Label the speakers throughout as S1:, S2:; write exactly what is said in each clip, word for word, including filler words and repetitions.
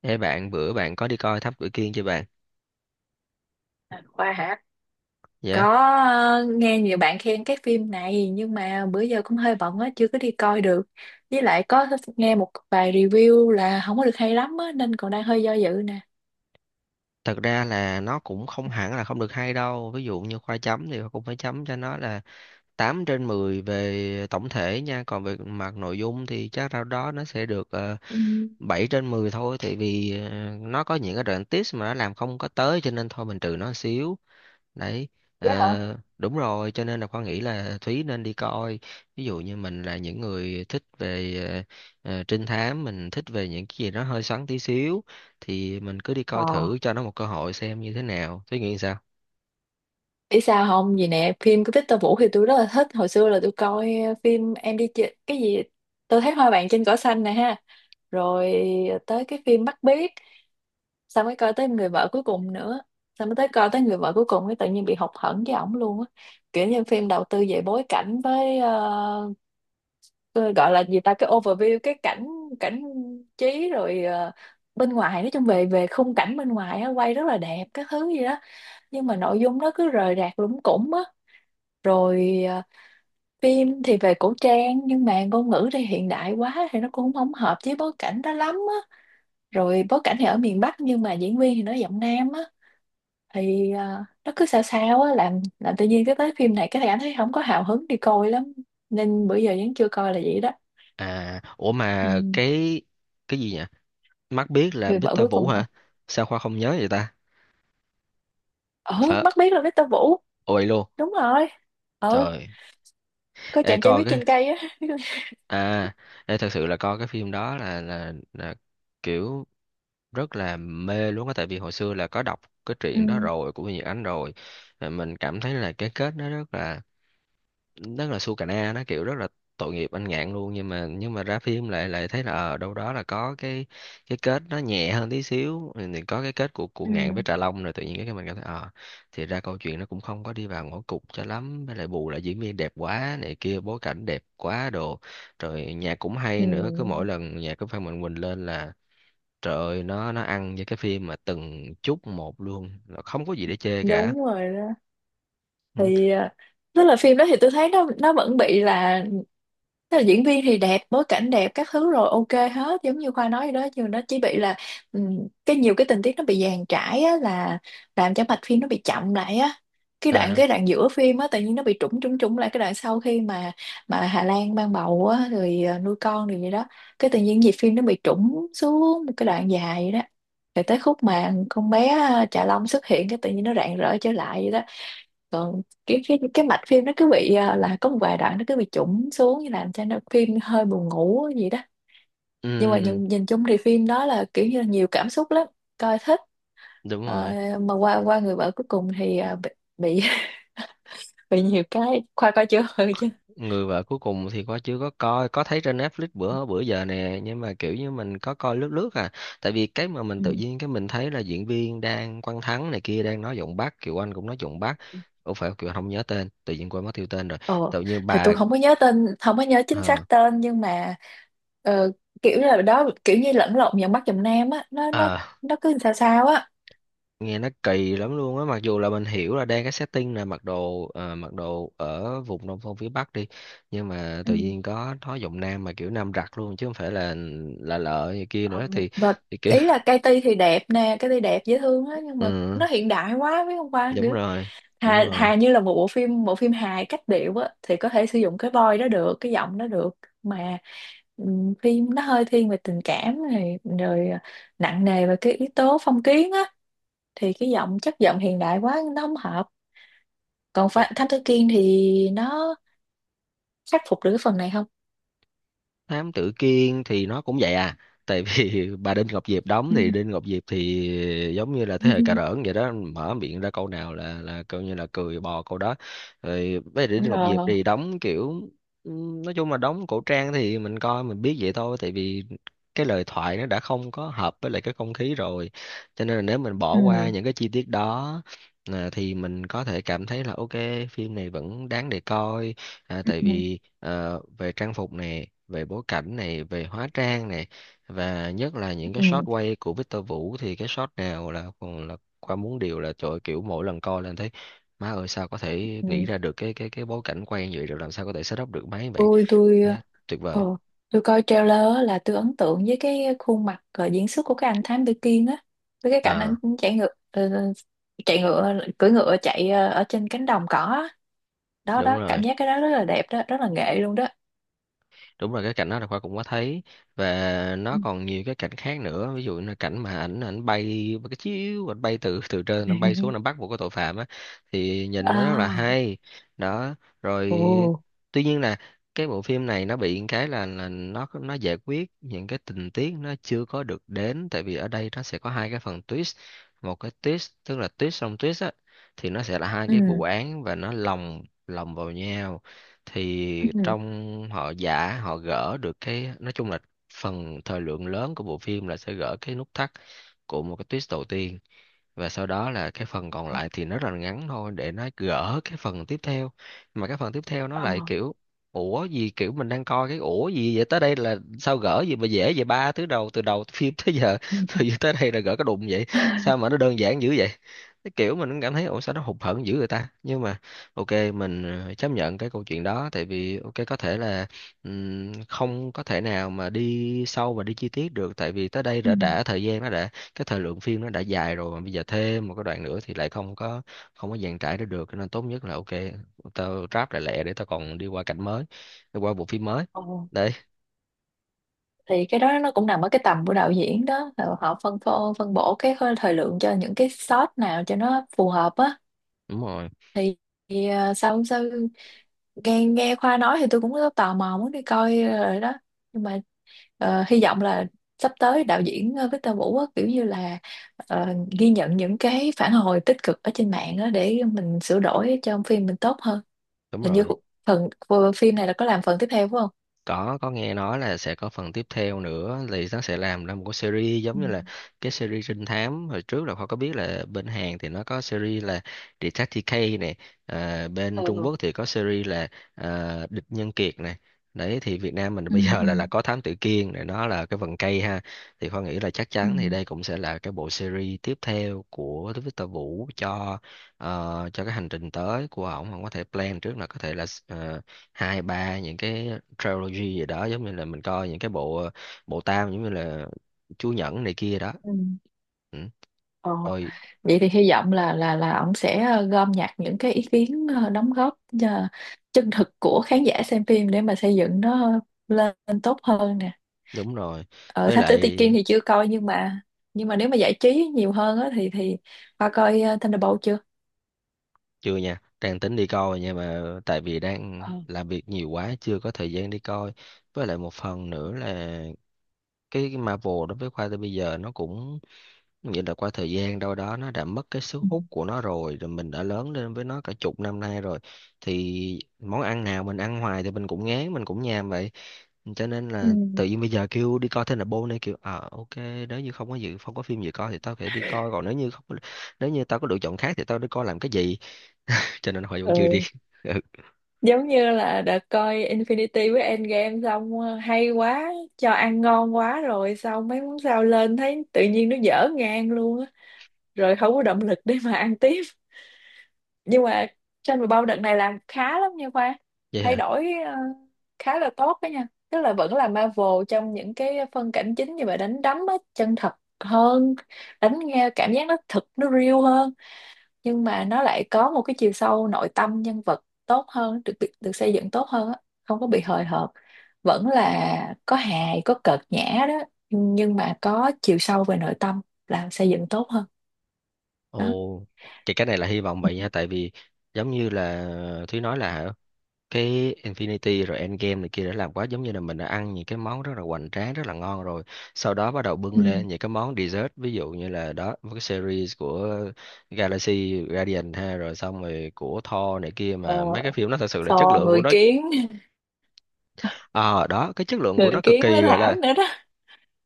S1: Ê bạn bữa bạn có đi coi Thám Tử Kiên chưa bạn?
S2: Khoa hả?
S1: Dạ.
S2: Có. Ờ, nghe nhiều bạn khen cái phim này, nhưng mà bữa giờ cũng hơi bận á, chưa có đi coi được. Với lại có nghe một vài review là không có được hay lắm á, nên còn đang hơi do dự nè.
S1: Thật ra là nó cũng không hẳn là không được hay đâu. Ví dụ như khoa chấm thì cũng phải chấm cho nó là tám trên mười về tổng thể nha. Còn về mặt nội dung thì chắc đâu đó nó sẽ được ờ,
S2: Ừ.
S1: bảy trên mười thôi. Tại vì ờ, nó có những cái đoạn tips mà nó làm không có tới cho nên thôi mình trừ nó một xíu. Đấy,
S2: Dạ hả?
S1: ờ, đúng rồi, cho nên là Khoa nghĩ là Thúy nên đi coi, ví dụ như mình là những người thích về ờ, ờ, trinh thám, mình thích về những cái gì nó hơi xoắn tí xíu thì mình cứ đi
S2: Ờ.
S1: coi thử cho nó một cơ hội xem như thế nào. Thúy nghĩ sao?
S2: Biết sao không? Vì nè, phim của Victor Vũ thì tôi rất là thích. Hồi xưa là tôi coi ờ, phim Em đi chơi, cái gì? Tôi thấy hoa vàng trên cỏ xanh nè ha. Rồi tới cái phim Bắt Biếc. Xong mới coi tới người vợ cuối cùng nữa, xong mới tới coi tới người vợ cuối cùng, cái tự nhiên bị hụt hẫng với ổng luôn á. Kiểu như phim đầu tư về bối cảnh với ờ, cái gọi là gì ta, cái overview, cái cảnh cảnh trí, rồi ờ, bên ngoài, nói chung về về khung cảnh bên ngoài á, quay rất là đẹp các thứ gì đó, nhưng mà nội dung nó cứ rời rạc lủng củng á. Rồi ờ, phim thì về cổ trang nhưng mà ngôn ngữ thì hiện đại quá, thì nó cũng không hợp với bối cảnh đó lắm á. Rồi bối cảnh thì ở miền Bắc nhưng mà diễn viên thì nói giọng Nam á, thì à, nó cứ sao sao á, làm làm tự nhiên cái tới phim này cái thằng anh thấy không có hào hứng đi coi lắm, nên bữa giờ vẫn chưa coi là vậy đó.
S1: À ủa
S2: Ừ.
S1: mà cái cái gì nhỉ Mắt biết là
S2: Người vợ cuối
S1: Victor Vũ
S2: cùng hả?
S1: hả? Sao Khoa không nhớ vậy ta?
S2: Ừ,
S1: Phải.
S2: mắt biết là Victor Vũ.
S1: Ôi luôn.
S2: Đúng rồi. Ừ.
S1: Trời.
S2: Có
S1: Ê
S2: chàng trai
S1: coi
S2: viết
S1: cái,
S2: trên cây á.
S1: à, ê, thật sự là coi cái phim đó là là, là kiểu rất là mê luôn á, tại vì hồi xưa là có đọc cái truyện đó
S2: Ừ.
S1: rồi của Nhật Ánh rồi. Là mình cảm thấy là cái kết nó rất là rất là su cà na, nó kiểu rất là tội nghiệp anh Ngạn luôn, nhưng mà nhưng mà ra phim lại lại thấy là ở đâu đó là có cái cái kết nó nhẹ hơn tí xíu, thì thì có cái kết của của Ngạn với
S2: Ừ.
S1: Trà Long, rồi tự nhiên cái mình cảm thấy ờ thì ra câu chuyện nó cũng không có đi vào ngõ cụt cho lắm, với lại bù lại diễn viên đẹp quá này kia, bối cảnh đẹp quá đồ, rồi nhạc cũng
S2: Ừ.
S1: hay nữa, cứ mỗi lần nhạc của Phan Mạnh Quỳnh lên là trời ơi, nó nó ăn với cái phim mà từng chút một luôn, là không có gì để chê cả.
S2: Đúng rồi đó.
S1: Ừ.
S2: Thì ờ, tức là phim đó thì tôi thấy nó nó vẫn bị là, tức là diễn viên thì đẹp, bối cảnh đẹp, các thứ rồi ok hết, giống như Khoa nói vậy đó, nhưng nó chỉ bị là ừm, cái nhiều cái tình tiết nó bị dàn trải á, là làm cho mạch phim nó bị chậm lại á. cái đoạn
S1: À,
S2: cái đoạn giữa phim á, tự nhiên nó bị trũng trũng trũng lại, cái đoạn sau khi mà mà Hà Lan mang bầu á, rồi ờ, nuôi con rồi vậy đó, cái tự nhiên nhịp phim nó bị trũng xuống một cái đoạn dài vậy đó. Rồi tới khúc mà con bé à, Trà Long xuất hiện, cái tự nhiên nó rạng rỡ trở lại vậy đó. Còn kiểu cái cái mạch phim nó cứ bị ờ, là có một vài đoạn nó cứ bị chủng xuống, như làm cho nó phim hơi buồn ngủ gì đó. Nhưng mà
S1: ừm,
S2: nhìn, nhìn chung thì phim đó là kiểu như là nhiều cảm xúc lắm, coi thích.
S1: đúng
S2: Ờ,
S1: rồi.
S2: mà qua qua người vợ cuối cùng thì ờ, bị bị, bị nhiều cái. Khoa coi chưa, ừ, chứ?
S1: Người vợ cuối cùng thì có chưa có coi, có thấy trên Netflix bữa bữa giờ nè, nhưng mà kiểu như mình có coi lướt lướt à. Tại vì cái mà mình
S2: Ừ.
S1: tự nhiên cái mình thấy là diễn viên đang Quang Thắng này kia đang nói giọng Bắc, Kiều Anh cũng nói giọng Bắc. Ủa phải Kiều Anh không nhớ tên, tự nhiên quên mất tiêu tên rồi.
S2: ờ
S1: Tự nhiên
S2: thì
S1: bà
S2: tôi không có nhớ tên, không có nhớ chính
S1: ờ,
S2: xác tên, nhưng mà ờ, kiểu là đó, kiểu như lẫn lộn dòng Bắc dòng Nam á, nó nó
S1: ờ,
S2: nó cứ sao sao á.
S1: nghe nó kỳ lắm luôn á, mặc dù là mình hiểu là đang cái setting là mặc đồ ờ, mặc đồ ở vùng nông thôn phía Bắc đi, nhưng mà
S2: Ừ.
S1: tự nhiên có nói giọng Nam mà kiểu Nam giặc luôn chứ không phải là là lợ gì kia
S2: Ờ,
S1: nữa, thì
S2: và
S1: thì kiểu
S2: ý là cây ti thì đẹp nè, cây ti đẹp dễ thương á, nhưng mà
S1: ừ
S2: nó hiện đại quá, biết không? Qua
S1: đúng
S2: kiểu
S1: rồi đúng
S2: hà,
S1: rồi.
S2: hà như là một bộ phim bộ phim hài cách điệu á, thì có thể sử dụng cái voice đó được, cái giọng đó được. Mà ừm, phim nó hơi thiên về tình cảm này rồi à, nặng nề về cái yếu tố phong kiến á, thì cái giọng, chất giọng hiện đại quá nó không hợp. Còn Pha- Thám Tử Kiên thì nó khắc phục được cái phần này không?
S1: Thám tử Kiên thì nó cũng vậy à, tại vì bà Đinh Ngọc Diệp đóng thì Đinh Ngọc Diệp thì giống như là thế hệ cà rỡn vậy đó, mở miệng ra câu nào là là coi như là cười bò câu đó. Rồi với Đinh Ngọc Diệp
S2: Ờ.
S1: thì đóng kiểu ừm, nói chung là đóng cổ trang thì mình coi mình biết vậy thôi, tại vì cái lời thoại nó đã không có hợp với lại cái không khí rồi, cho nên là nếu mình bỏ qua
S2: Ừ.
S1: những cái chi tiết đó, à, thì mình có thể cảm thấy là ok, phim này vẫn đáng để coi. À, tại
S2: Ừ.
S1: vì ờ, về trang phục này, về bối cảnh này, về hóa trang này, và nhất là những cái shot
S2: Ừ.
S1: quay của Victor Vũ thì cái shot nào là còn là qua muốn điều là trời ơi, kiểu mỗi lần coi lên thấy má ơi sao có thể
S2: Ừ.
S1: nghĩ ra được cái cái cái bối cảnh quay như vậy, rồi làm sao có thể setup được máy vậy.
S2: tôi tôi
S1: Thế tuyệt vời.
S2: ờ tôi coi trailer á, là tôi ấn tượng với cái khuôn mặt ờ, diễn xuất của cái anh Thám Tử Kiên á, với cái cảnh anh
S1: À
S2: chạy ngựa ờ, chạy ngựa cưỡi ngựa chạy ờ, ở trên cánh đồng cỏ á. đó
S1: đúng
S2: đó cảm
S1: rồi
S2: giác cái đó rất là đẹp đó, rất là nghệ luôn đó.
S1: đúng rồi, cái cảnh đó là khoa cũng có thấy, và
S2: Ừ.
S1: nó còn nhiều cái cảnh khác nữa, ví dụ như là cảnh mà ảnh ảnh bay một cái chiếu ảnh bay từ từ trên ảnh bay xuống nó bắt một cái tội phạm á, thì nhìn nó rất là
S2: À.
S1: hay. Đó rồi.
S2: Ồ.
S1: Tuy nhiên là cái bộ phim này nó bị cái là là nó nó giải quyết những cái tình tiết nó chưa có được đến, tại vì ở đây nó sẽ có hai cái phần twist, một cái twist tức là twist xong twist á, thì nó sẽ là hai cái
S2: Ừ.
S1: vụ án và nó lồng lồng vào nhau, thì
S2: Ừ.
S1: trong họ giả họ gỡ được cái nói chung là phần thời lượng lớn của bộ phim là sẽ gỡ cái nút thắt của một cái twist đầu tiên, và sau đó là cái phần còn lại thì nó rất là ngắn thôi để nó gỡ cái phần tiếp theo, mà cái phần tiếp theo nó
S2: Ờ.
S1: lại kiểu ủa gì kiểu mình đang coi cái ủa gì vậy tới đây là sao gỡ gì mà dễ vậy ba thứ đầu từ đầu phim tới giờ,
S2: Ừ. Ừ.
S1: tự nhiên tới đây là gỡ cái đụng vậy, sao mà nó đơn giản dữ vậy, cái kiểu mình cũng cảm thấy ủa sao nó hụt hẫng dữ người ta, nhưng mà ok mình ờ, chấp nhận cái câu chuyện đó tại vì ok có thể là ừm, không có thể nào mà đi sâu và đi chi tiết được, tại vì tới đây
S2: Ừ.
S1: đã đã thời gian nó đã cái thời lượng phim nó đã dài rồi, mà bây giờ thêm một cái đoạn nữa thì lại không có không có dàn trải ra được, cho nên tốt nhất là ok tao ráp lại lẹ để tao còn đi qua cảnh mới, đi qua bộ phim mới.
S2: Ồ.
S1: Đấy
S2: Thì cái đó nó cũng nằm ở cái tầm của đạo diễn đó, là họ phân phô, phân bổ cái hơi- thời lượng cho những cái shot nào cho nó phù hợp á.
S1: đúng rồi
S2: Thì, thì, ờ, sao không sao. Nghe nghe Khoa nói thì tôi cũng có tò mò muốn đi coi rồi đó, nhưng mà ờ, hy vọng là sắp tới đạo diễn ờ, Victor Vũ á, kiểu như là ờ, ghi nhận những cái phản hồi tích cực ở trên mạng á, để mình sửa đổi cho phim mình tốt hơn.
S1: đúng
S2: Hình như
S1: rồi,
S2: phần ờ, phim này là có làm phần tiếp theo, phải không?
S1: có có nghe nói là sẽ có phần tiếp theo nữa, thì nó sẽ làm ra một cái series
S2: Ừ.
S1: giống như là cái series trinh thám hồi trước, là Khoa có biết là bên Hàn thì nó có series là Detective K này, à, bên Trung
S2: Ừ.
S1: Quốc thì có series là à, Địch Nhân Kiệt này, đấy thì Việt Nam mình
S2: Ừ.
S1: bây giờ
S2: Ừ.
S1: là là có Thám Tử Kiên này, nó là cái vần cây ha, thì Khoa nghĩ là chắc
S2: Ừ.
S1: chắn thì đây cũng sẽ là cái bộ series tiếp theo của Victor Vũ cho ờ, cho cái hành trình tới của ổng, không có thể plan trước là có thể là ờ, hai ba những cái trilogy gì đó, giống như là mình coi những cái bộ bộ tam giống như là Chúa Nhẫn này kia đó.
S2: Ừ.
S1: Ừ.
S2: Ờ.
S1: Ôi,
S2: Vậy thì hy vọng là là là ông sẽ ờ, gom nhặt những cái ý kiến, ờ, đóng góp ờ, chân thực của khán giả xem phim, để mà xây dựng nó lên tốt hơn nè.
S1: đúng rồi.
S2: Ở
S1: Với
S2: Thám Tử Tây
S1: lại
S2: Kiên thì chưa coi, nhưng mà, nhưng mà nếu mà giải trí nhiều hơn á thì thì Hoa coi ờ, Thunderbolt chưa?
S1: chưa nha, đang tính đi coi nhưng mà tại vì đang
S2: Ờ.
S1: làm việc nhiều quá chưa có thời gian đi coi. Với lại một phần nữa là cái Marvel đối với Khoa tới bây giờ nó cũng vậy, là qua thời gian đâu đó nó đã mất cái sức hút của nó rồi, rồi mình đã lớn lên với nó cả chục năm nay rồi. Thì món ăn nào mình ăn hoài thì mình cũng ngán, mình cũng nhàm vậy. Cho nên
S2: Ừ.
S1: là tự nhiên bây giờ kêu đi coi Thunderbolt này kiểu ờ ok, nếu như không có dự không có phim gì coi thì tao phải đi coi, còn nếu như không, nếu như tao có lựa chọn khác thì tao đi coi làm cái gì? Cho nên hồi vẫn chưa đi.
S2: Ừ.
S1: Ừ,
S2: Giống như là đã coi Infinity với Endgame xong, ờ, hay quá, cho ăn ngon quá rồi, xong mấy món sao lên thấy tự nhiên nó dở ngang luôn á, rồi không có động lực để mà ăn tiếp. Nhưng mà trên mười bao đợt này làm khá lắm nha Khoa.
S1: vậy
S2: Thay
S1: hả?
S2: đổi ờ, khá là tốt đó nha, tức là vẫn là Marvel trong những cái phân cảnh chính như vậy, đánh đấm á chân thật hơn, đánh nghe cảm giác nó thực, nó real hơn, nhưng mà nó lại có một cái chiều sâu nội tâm nhân vật tốt hơn, được được, được xây dựng tốt hơn á, không có bị hời hợt. Vẫn là có hài có cợt nhã đó, nhưng nhưng mà có chiều sâu về nội tâm, làm xây dựng tốt hơn đó.
S1: Ồ, thì cái này là hy vọng vậy nha, tại vì giống như là Thúy nói là hả, cái Infinity rồi Endgame này kia đã làm quá, giống như là mình đã ăn những cái món rất là hoành tráng rất là ngon rồi, sau đó bắt đầu bưng
S2: Ừ.
S1: lên những cái món dessert, ví dụ như là đó với cái series của Galaxy Guardian ha, rồi xong rồi của Thor này kia,
S2: Ờ.
S1: mà mấy cái phim nó thật sự là chất
S2: Ờ,
S1: lượng của
S2: người
S1: nó
S2: kiến.
S1: ờ đó cái chất lượng của
S2: Người
S1: nó cực
S2: kiến
S1: kỳ
S2: với
S1: gọi
S2: Thảo
S1: là
S2: nữa đó.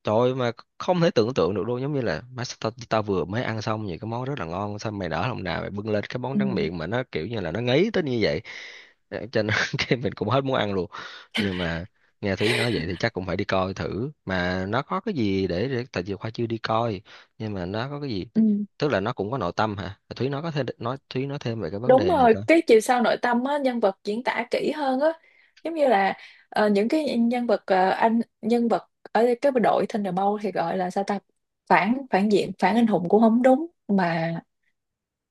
S1: trời ơi, mà không thể tưởng tượng được luôn, giống như là má sao tao, tao vừa mới ăn xong những cái món rất là ngon, xong mày nở lòng nào mày bưng lên cái món
S2: Ừ.
S1: tráng miệng mà nó kiểu như là nó ngấy tới như vậy. Ờ, cho nên cái mình cũng hết muốn ăn luôn. Nhưng mà nghe Thúy nói vậy thì chắc cũng phải đi coi thử mà nó có cái gì để, để tại vì Khoa chưa đi coi, nhưng mà nó có cái gì
S2: Ừ.
S1: tức là nó cũng có nội tâm hả? Ờ, Thúy nói có thêm nói Thúy nói thêm về cái vấn
S2: Đúng
S1: đề này
S2: rồi,
S1: coi.
S2: cái chiều sâu nội tâm á, nhân vật diễn tả kỹ hơn á. Giống như là ờ, những cái nhân vật, ờ, anh nhân vật ở cái đội Thunderbolt thì gọi là sao ta? Phản phản diện, phản anh hùng cũng không đúng, mà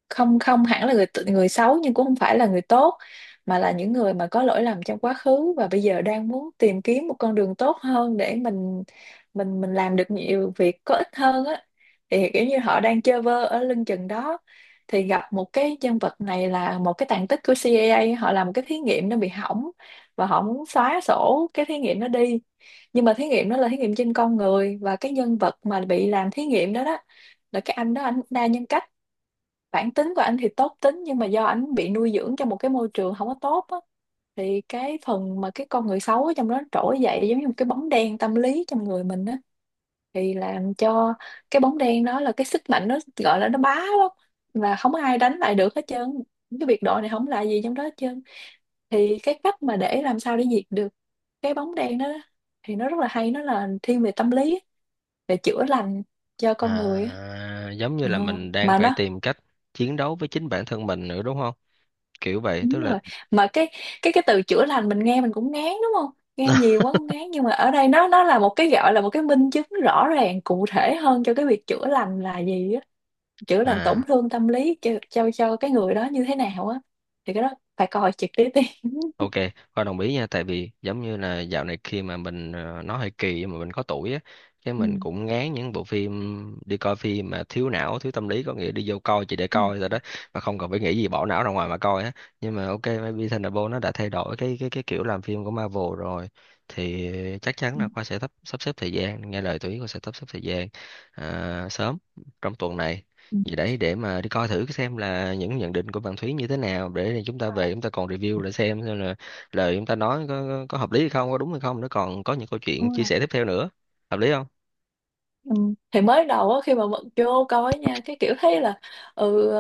S2: không không hẳn là người t- người xấu, nhưng cũng không phải là người tốt, mà là những người mà có lỗi lầm trong quá khứ và bây giờ đang muốn tìm kiếm một con đường tốt hơn, để mình mình mình làm được nhiều việc có ích hơn á. Thì kiểu như họ đang chơi vơ ở lưng chừng đó, thì gặp một cái nhân vật này, là một cái tàn tích của C I A, họ làm một cái thí nghiệm nó bị hỏng và họ muốn xóa sổ cái thí nghiệm nó đi. Nhưng mà thí nghiệm đó là thí nghiệm trên con người, và cái nhân vật mà bị làm thí nghiệm đó đó là cái anh đó, anh đa nhân cách. Bản tính của anh thì tốt tính, nhưng mà do anh bị nuôi dưỡng trong một cái môi trường không có tốt á, thì cái phần mà cái con người xấu ở trong đó trỗi dậy, giống như một cái bóng đen tâm lý trong người mình á, thì làm cho cái bóng đen đó, là cái sức mạnh nó gọi là nó bá lắm, và không có ai đánh lại được hết trơn, cái biệt đội này không là gì trong đó hết trơn. Thì cái cách mà để làm sao để diệt được cái bóng đen đó, thì nó rất là hay, nó là thiên về tâm lý, về chữa lành cho con người á.
S1: À, giống như
S2: Ờ,
S1: là mình đang
S2: mà
S1: phải
S2: nó.
S1: tìm cách chiến đấu với chính bản thân mình nữa đúng không, kiểu vậy tức
S2: Đúng
S1: là
S2: rồi. Mà cái cái cái từ chữa lành mình nghe mình cũng ngán đúng không? Nghe nhiều quá cũng ngán, nhưng mà ở đây nó nó là một cái gọi là một cái minh chứng rõ ràng cụ thể hơn cho cái việc chữa lành là gì á, chữa lành tổn
S1: à.
S2: thương tâm lý cho cho cho cái người đó như thế nào á. Thì cái đó phải coi trực tiếp đi.
S1: Ok, Khoa đồng ý nha, tại vì giống như là dạo này khi mà mình ờ, nó hơi kỳ nhưng mà mình có tuổi á, cái
S2: Ừ.
S1: mình cũng ngán những bộ phim đi coi phim mà thiếu não, thiếu tâm lý, có nghĩa đi vô coi chỉ để
S2: Ừ.
S1: coi rồi đó, mà không cần phải nghĩ gì, bỏ não ra ngoài mà coi á. Nhưng mà ok, maybe Thunderbolt nó đã thay đổi cái cái cái kiểu làm phim của Marvel rồi, thì chắc chắn
S2: Ừ,
S1: là Khoa sẽ sắp sắp xếp thời gian, nghe lời tụi ý Khoa sẽ sắp xếp thời gian, à, sớm trong tuần này. Vậy đấy, để mà đi coi thử xem là những nhận định của bạn Thúy như thế nào, để rồi chúng ta về chúng ta còn review lại xem xem là lời chúng ta nói có, có, có hợp lý hay không, có đúng hay không, nó còn có những câu chuyện chia sẻ
S2: ừ.
S1: tiếp theo nữa, hợp lý không?
S2: Ừ. Thì mới đầu á, khi mà mình vô coi nha, cái kiểu thấy là ừ,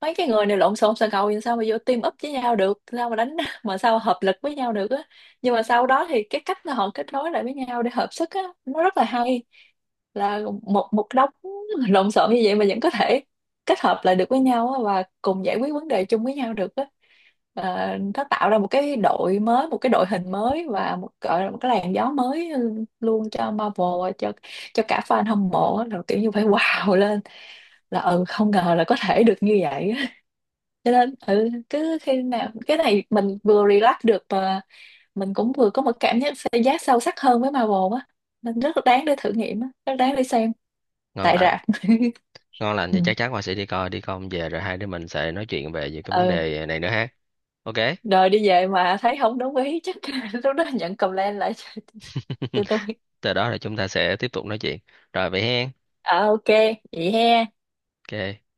S2: mấy cái người này lộn xộn xà ngầu, thì sao mà vô team up với nhau được, sao mà đánh mà sao hợp lực với nhau được á. Nhưng mà sau đó thì cái cách mà họ kết nối lại với nhau để hợp sức á, nó rất là hay, là một một đống lộn xộn như vậy mà vẫn có thể kết hợp lại được với nhau á, và cùng giải quyết vấn đề chung với nhau được á. Ờ, nó tạo ra một cái đội mới, một cái đội hình mới, và một gọi là một cái làn gió mới luôn cho Marvel, cho cho cả fan hâm mộ, là kiểu như phải wow lên là ừ, không ngờ là có thể được như vậy. Cho nên ừ, cứ khi nào cái này mình vừa relax được, mà mình cũng vừa có một cảm giác xây giá sâu sắc hơn với Marvel á, nên rất là đáng để thử nghiệm á, rất đáng để xem
S1: Ngon
S2: tại
S1: lành.
S2: rạp.
S1: Ngon lành
S2: Ừ.
S1: thì chắc chắn Hoa sẽ đi coi, đi coi về rồi hai đứa mình sẽ nói chuyện về những cái vấn
S2: Ừ.
S1: đề này nữa ha. Ok.
S2: Rồi đi về mà thấy không đúng ý chắc lúc đó nhận comment lại cho, cho tôi.
S1: Từ đó là chúng ta sẽ tiếp tục nói chuyện, rồi vậy hen,
S2: À, ok, vậy he.
S1: ok.